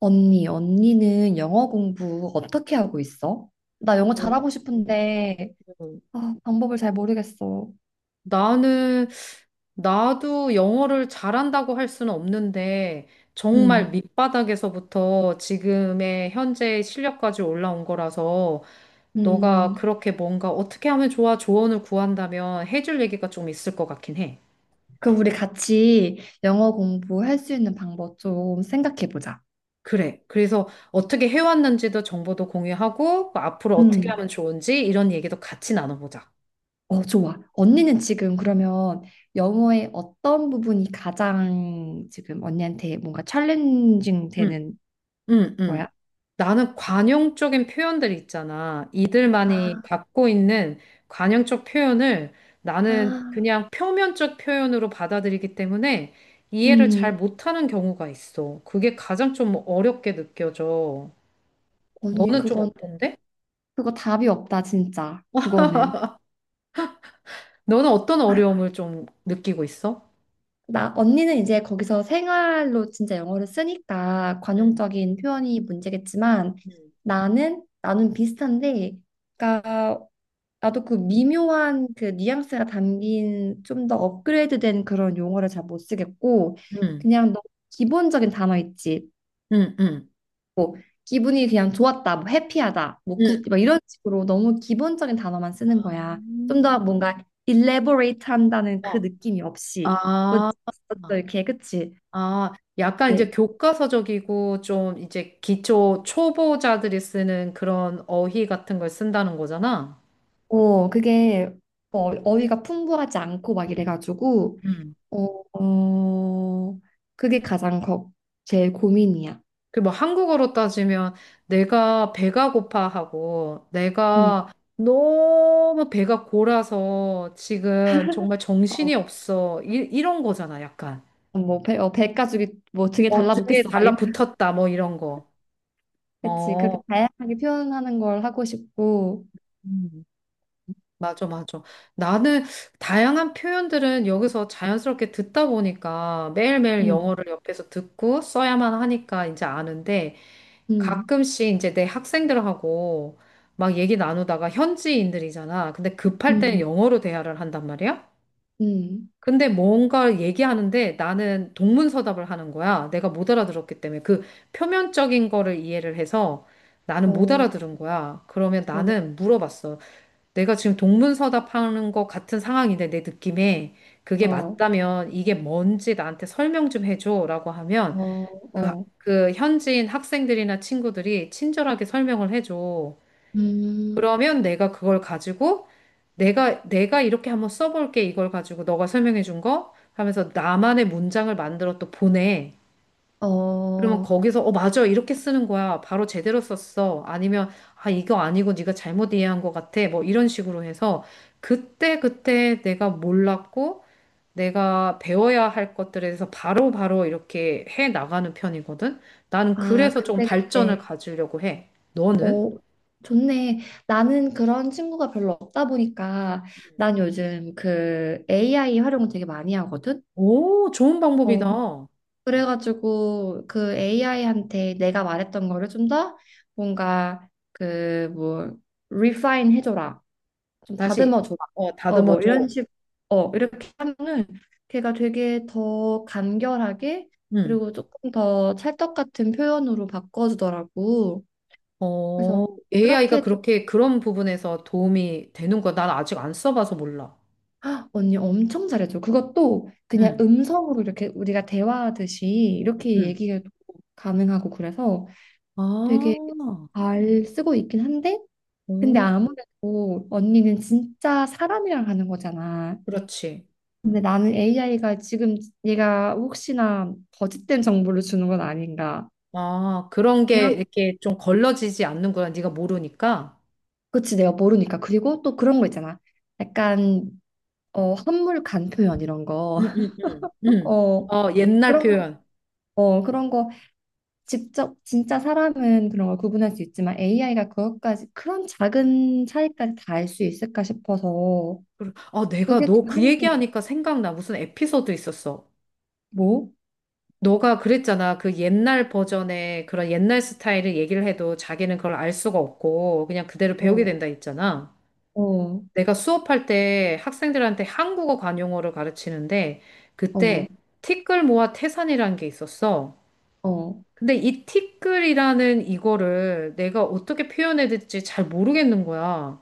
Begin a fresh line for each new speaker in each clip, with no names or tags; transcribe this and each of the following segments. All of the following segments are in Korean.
언니, 언니는 영어 공부 어떻게 하고 있어? 나 영어
음,
잘하고 싶은데,
음.
아, 방법을 잘 모르겠어.
나는, 나도 영어를 잘한다고 할 수는 없는데, 정말
음,
밑바닥에서부터 지금의 현재 실력까지 올라온 거라서, 너가
음.
그렇게 뭔가 어떻게 하면 좋아 조언을 구한다면 해줄 얘기가 좀 있을 것 같긴 해.
그럼 우리 같이 영어 공부할 수 있는 방법 좀 생각해 보자.
그래. 그래서 어떻게 해왔는지도 정보도 공유하고, 그 앞으로 어떻게
음,
하면 좋은지 이런 얘기도 같이 나눠보자.
어, 좋아. 언니는 지금 그러면 영어의 어떤 부분이 가장 지금 언니한테 뭔가 챌린징
응,
되는
응,
거야?
응. 나는 관용적인 표현들 있잖아. 이들만이 갖고 있는 관용적 표현을 나는
아,
그냥 표면적 표현으로 받아들이기 때문에 이해를 잘
음,
못하는 경우가 있어. 그게 가장 좀 어렵게 느껴져.
언니,
너는 좀
그건,
어떤데?
그거 답이 없다, 진짜. 그거는.
너는 어떤 어려움을 좀 느끼고 있어?
나 언니는 이제 거기서 생활로 진짜 영어를 쓰니까
음,
관용적인 표현이 문제겠지만
음,
나는 비슷한데 그러니까 나도 그 미묘한 그 뉘앙스가 담긴 좀 더 업그레이드된 그런 용어를 잘 못 쓰겠고
응,
그냥 너무 기본적인 단어 있지
응, 응,
뭐 기분이 그냥 좋았다 뭐 해피하다
응.
뭐굿막 이런 식으로 너무 기본적인 단어만 쓰는 거야. 좀
음.
더 뭔가 elaborate 한다는 그
아,
느낌이
어.
없이 뭐
아.
어쩌 이렇게 그치?
아, 약간
예.
이제 교과서적이고 좀 이제 기초 초보자들이 쓰는 그런 어휘 같은 걸 쓴다는 거잖아.
어, 그게 어, 어휘가 풍부하지 않고 막 이래가지고
음.
어, 어 그게 가장 걱 제일 고민이야.
그 뭐 한국어로 따지면 내가 배가 고파하고
음,
내가 너무 배가 골아서 지금 정말 정신이
어,
없어. 이런 거잖아, 약간.
뭐 배, 어, 배 가죽이 뭐 등에
어, 등에
달라붙겠어 막 이런.
달라붙었다, 뭐 이런 거.
그치,
어.
그렇게 다양하게 표현하는 걸 하고 싶고,
음. 맞아, 맞아. 나는 다양한 표현들은 여기서 자연스럽게 듣다 보니까 매일매일
음,
영어를 옆에서 듣고 써야만 하니까 이제 아는데
음,
가끔씩 이제 내 학생들하고 막 얘기 나누다가 현지인들이잖아. 근데 급할 때는
음,
영어로 대화를 한단 말이야.
음,
근데 뭔가 얘기하는데 나는 동문서답을 하는 거야. 내가 못 알아들었기 때문에 그 표면적인 거를 이해를 해서 나는 못
어,
알아들은 거야. 그러면
어,
나는 물어봤어. 내가 지금 동문서답하는 것 같은 상황인데 내 느낌에 그게
어,
맞다면 이게 뭔지 나한테 설명 좀 해줘라고 하면
어,
그,
어,
그 현지인 학생들이나 친구들이 친절하게 설명을 해줘.
음,
그러면 내가 그걸 가지고 내가 이렇게 한번 써볼게 이걸 가지고 너가 설명해준 거 하면서 나만의 문장을 만들어 또 보내. 그러면
어,
거기서 어 맞아 이렇게 쓰는 거야 바로 제대로 썼어 아니면 아 이거 아니고 네가 잘못 이해한 것 같아 뭐 이런 식으로 해서 그때 그때 내가 몰랐고 내가 배워야 할 것들에 대해서 바로바로 이렇게 해 나가는 편이거든 나는
아,
그래서 조금
그때
발전을
그때.
가지려고 해. 너는?
어, 좋네. 나는 그런 친구가 별로 없다 보니까 난 요즘 그 AI 활용을 되게 많이 하거든.
오, 좋은
어.
방법이다.
그래가지고 그 AI한테 내가 말했던 거를 좀 더 뭔가 그 뭐 refine 해줘라. 좀
다시
다듬어 줘라. 어,
다듬어
뭐 이런
줘.
식. 어, 이렇게 하면은 걔가 되게 더 간결하게
음
그리고 조금 더 찰떡 같은 표현으로 바꿔주더라고. 그래서
어 AI가
그렇게
그렇게 그런 부분에서 도움이 되는 거 난 아직 안 써봐서 몰라.
헉, 언니 엄청 잘해줘. 그것도 그냥
응.
음성으로 이렇게 우리가 대화하듯이 이렇게
응.
얘기해도 가능하고 그래서 되게
아,
잘 쓰고 있긴 한데, 근데
오,
아무래도 언니는 진짜 사람이랑 하는 거잖아.
그렇지.
근데 나는 AI가 지금 얘가 혹시나 거짓된 정보를 주는 건 아닌가.
아, 그런 게
그냥
이렇게 좀 걸러지지 않는구나. 네가 모르니까.
그치, 내가 모르니까. 그리고 또 그런 거 있잖아. 약간 어, 한물 간 표현 이런 거.
응, 응, 응. 응.
어,
어, 옛날
그런 거,
표현.
어, 그런 거 직접 진짜 사람은 그런 걸 구분할 수 있지만 AI가 그것까지 그런 작은 차이까지 다 알 수 있을까 싶어서
아, 내가
그게
너
좀
그
한계야.
얘기하니까 생각나. 무슨 에피소드 있었어.
뭐?
너가 그랬잖아. 그 옛날 버전의 그런 옛날 스타일을 얘기를 해도 자기는 그걸 알 수가 없고 그냥 그대로 배우게
어,
된다 했잖아.
어,
내가 수업할 때 학생들한테 한국어 관용어를 가르치는데
어,
그때 티끌 모아 태산이라는 게 있었어.
어,
근데 이 티끌이라는 이거를 내가 어떻게 표현해야 될지 잘 모르겠는 거야.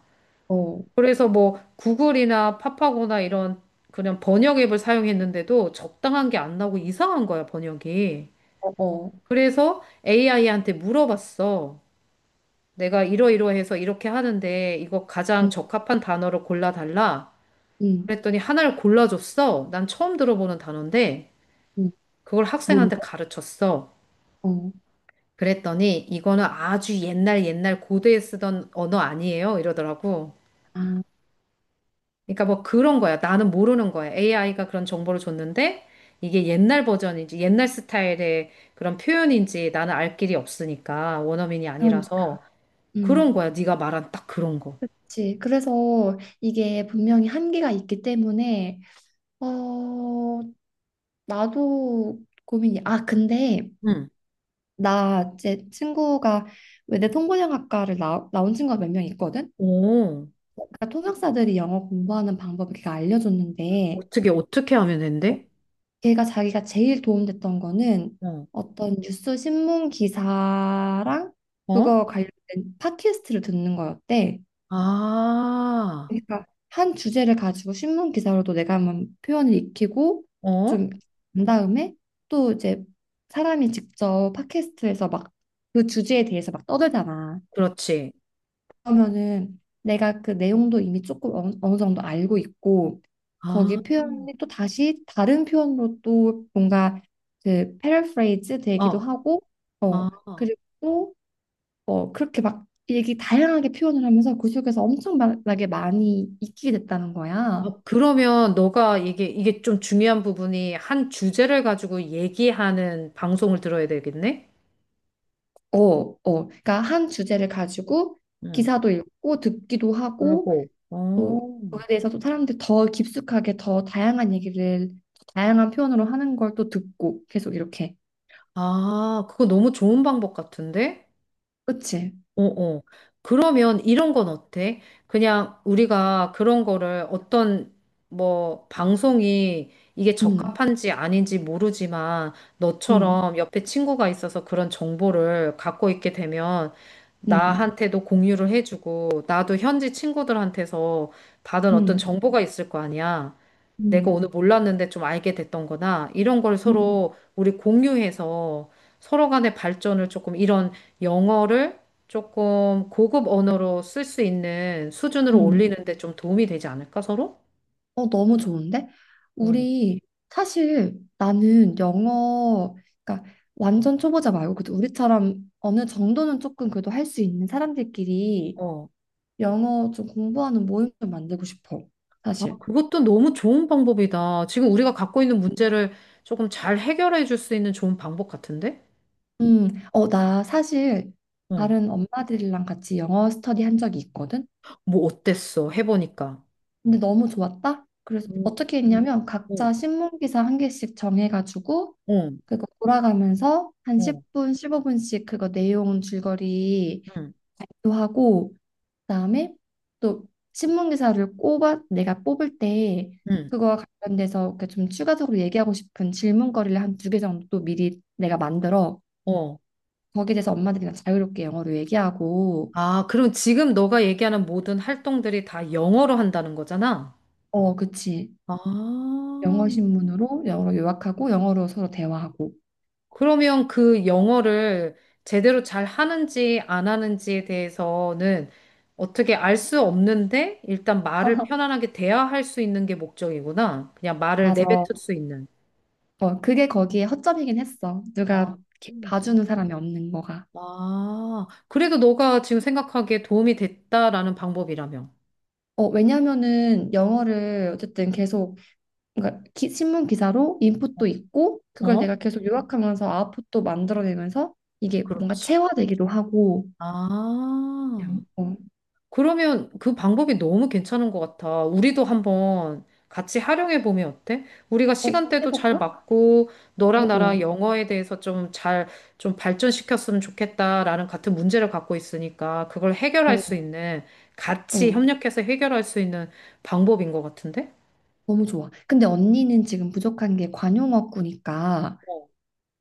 어,
그래서 뭐 구글이나 파파고나 이런 그냥 번역 앱을 사용했는데도 적당한 게 안 나오고 이상한 거야, 번역이.
어, 어.
그래서 AI한테 물어봤어. 내가 이러이러해서 이렇게 하는데 이거 가장
음,
적합한 단어를 골라달라.
음,
그랬더니 하나를 골라줬어. 난 처음 들어보는 단어인데
음.
그걸
뭔데?
학생한테 가르쳤어.
어.
그랬더니 이거는 아주 옛날 옛날 고대에 쓰던 언어 아니에요 이러더라고.
아,
그러니까 뭐 그런 거야. 나는 모르는 거야. AI가 그런 정보를 줬는데 이게 옛날 버전인지 옛날 스타일의 그런 표현인지 나는 알 길이 없으니까 원어민이
그러니까.
아니라서 그런
음.
거야. 네가 말한 딱 그런 거.
그치. 그래서 이게 분명히 한계가 있기 때문에 어, 나도 고민이. 아, 근데
응.
나 제 친구가 외대 통번역학과를 나온 친구가 몇 명 있거든?
오,
그러니까 통역사들이 영어 공부하는 방법을 걔가 알려줬는데
어떻게 하면
어,
된대?
걔가 자기가 제일 도움됐던 거는
어,
어떤 뉴스 신문 기사랑
어,
그거 관련된 팟캐스트를 듣는 거였대.
아,
그러니까 한 주제를 가지고 신문 기사로도 내가 한번 표현을 익히고
어,
좀 한 다음에 또 이제 사람이 직접 팟캐스트에서 막 그 주제에 대해서 막 떠들잖아.
그렇지.
그러면은 내가 그 내용도 이미 조금 어느 정도 알고 있고
아,
거기 표현이 또 다시 다른 표현으로 또 뭔가 그 패러프레이즈 되기도
어,
하고
아.
어 그리고 또 어 그렇게 막 얘기 다양하게 표현을 하면서 그 속에서 엄청나게 많이 익히게 됐다는 거야.
어, 그러면 너가 이게 좀 중요한 부분이 한 주제를 가지고 얘기하는 방송을 들어야 되겠네?
어, 어. 그러니까 한 주제를 가지고
응.
기사도 읽고 듣기도 하고
라고.
또
어.
거기에 대해서 또 사람들이 더 깊숙하게 더 다양한 얘기를 더 다양한 표현으로 하는 걸 또 듣고 계속 이렇게
아, 그거 너무 좋은 방법 같은데?
그치?
어, 어. 그러면 이런 건 어때? 그냥 우리가 그런 거를 어떤 뭐 방송이 이게
음,
적합한지 아닌지 모르지만
음,
너처럼 옆에 친구가 있어서 그런 정보를 갖고 있게 되면
음,
나한테도 공유를 해주고 나도 현지 친구들한테서 받은 어떤
음,
정보가 있을 거 아니야. 내가
음,
오늘 몰랐는데 좀 알게 됐던 거나 이런 걸
음, 음.
서로 우리 공유해서 서로 간의 발전을 조금 이런 영어를 조금 고급 언어로 쓸 수 있는 수준으로
음.
올리는데 좀 도움이 되지 않을까, 서로?
어 너무 좋은데?
응.
우리 사실 나는 영어 그러니까 완전 초보자 말고 그래도 우리처럼 어느 정도는 조금 그래도 할 수 있는 사람들끼리
어.
영어 좀 공부하는 모임을 만들고 싶어
아,
사실.
그것도 너무 좋은 방법이다. 지금 우리가 갖고 있는 문제를 조금 잘 해결해 줄 수 있는 좋은 방법 같은데?
어, 나 사실
어.
다른 엄마들이랑 같이 영어 스터디 한 적이 있거든?
뭐 어땠어? 해보니까.
근데 너무 좋았다? 그래서
응,
어떻게 했냐면
응,
각자 신문 기사 한 개씩 정해가지고
응,
그거 돌아가면서 한
응,
10분, 15분씩 그거 내용 줄거리도
응,
하고 그다음에 또 신문 기사를 꼽아 내가 뽑을 때 그거와 관련돼서 이렇게 좀 추가적으로 얘기하고 싶은 질문거리를 한 두 개 정도 미리 내가 만들어
응.
거기에 대해서 엄마들이랑 자유롭게 영어로 얘기하고
아, 그럼 지금 너가 얘기하는 모든 활동들이 다 영어로 한다는 거잖아?
어, 그치.
아,
영어 신문으로 영어로 요약하고 영어로 서로 대화하고.
그러면 그 영어를 제대로 잘 하는지 안 하는지에 대해서는 어떻게 알 수 없는데 일단 말을 편안하게 대화할 수 있는 게 목적이구나. 그냥 말을 내뱉을
맞아.
수 있는.
어, 그게 거기에 허점이긴 했어. 누가
아,
이렇게
음.
봐주는 사람이 없는 거가.
아, 그래도 너가 지금 생각하기에 도움이 됐다라는 방법이라며.
어, 왜냐면은 영어를 어쨌든 계속 그러니까 신문 기사로 인풋도 있고 그걸
어?
내가 계속 요약하면서 아웃풋도 만들어내면서 이게 뭔가
그렇지.
체화되기도 하고 그냥,
아.
어,
그러면 그 방법이 너무 괜찮은 것 같아. 우리도 한번 같이 활용해 보면 어때? 우리가
어,
시간대도 잘
해볼까?
맞고,
어,
너랑 나랑
어,
영어에 대해서 좀 잘, 좀 발전시켰으면 좋겠다라는 같은 문제를 갖고 있으니까, 그걸 해결할 수
어,
있는, 같이
어.
협력해서 해결할 수 있는 방법인 것 같은데?
너무 좋아. 근데 언니는 지금 부족한 게 관용어구니까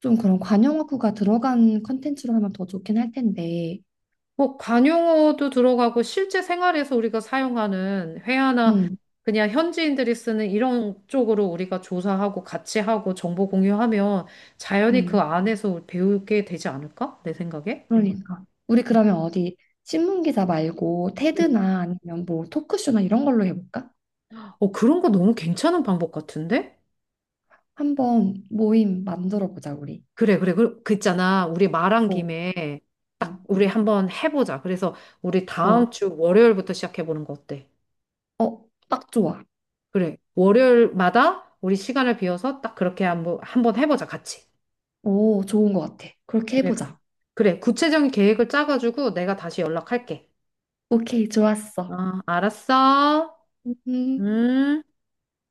좀 그런 관용어구가 들어간 컨텐츠로 하면 더 좋긴 할 텐데.
뭐 관용어도 들어가고 실제 생활에서 우리가 사용하는 회화나
음,
그냥 현지인들이 쓰는 이런 쪽으로 우리가 조사하고 같이 하고 정보 공유하면 자연히 그
음,
안에서 배우게 되지 않을까? 내 생각에.
그러니까. 우리 그러면 어디 신문 기사 말고
음.
테드나 아니면 뭐 토크쇼나 이런 걸로 해볼까?
어, 그런 거 너무 괜찮은 방법 같은데?
한번 모임 만들어 보자 우리.
그래, 그래. 그 있잖아. 우리 말한
어,
김에
어,
딱 우리 한번 해보자. 그래서 우리
어,
다음 주 월요일부터 시작해보는 거 어때?
어, 딱 좋아.
그래. 월요일마다 우리 시간을 비워서 딱 그렇게 한번 해보자. 같이.
오, 좋은 것 같아. 그렇게
그래, 그래.
해보자.
그래, 구체적인 계획을 짜가지고 내가 다시 연락할게.
오케이, 좋았어.
어, 알았어.
음.
음.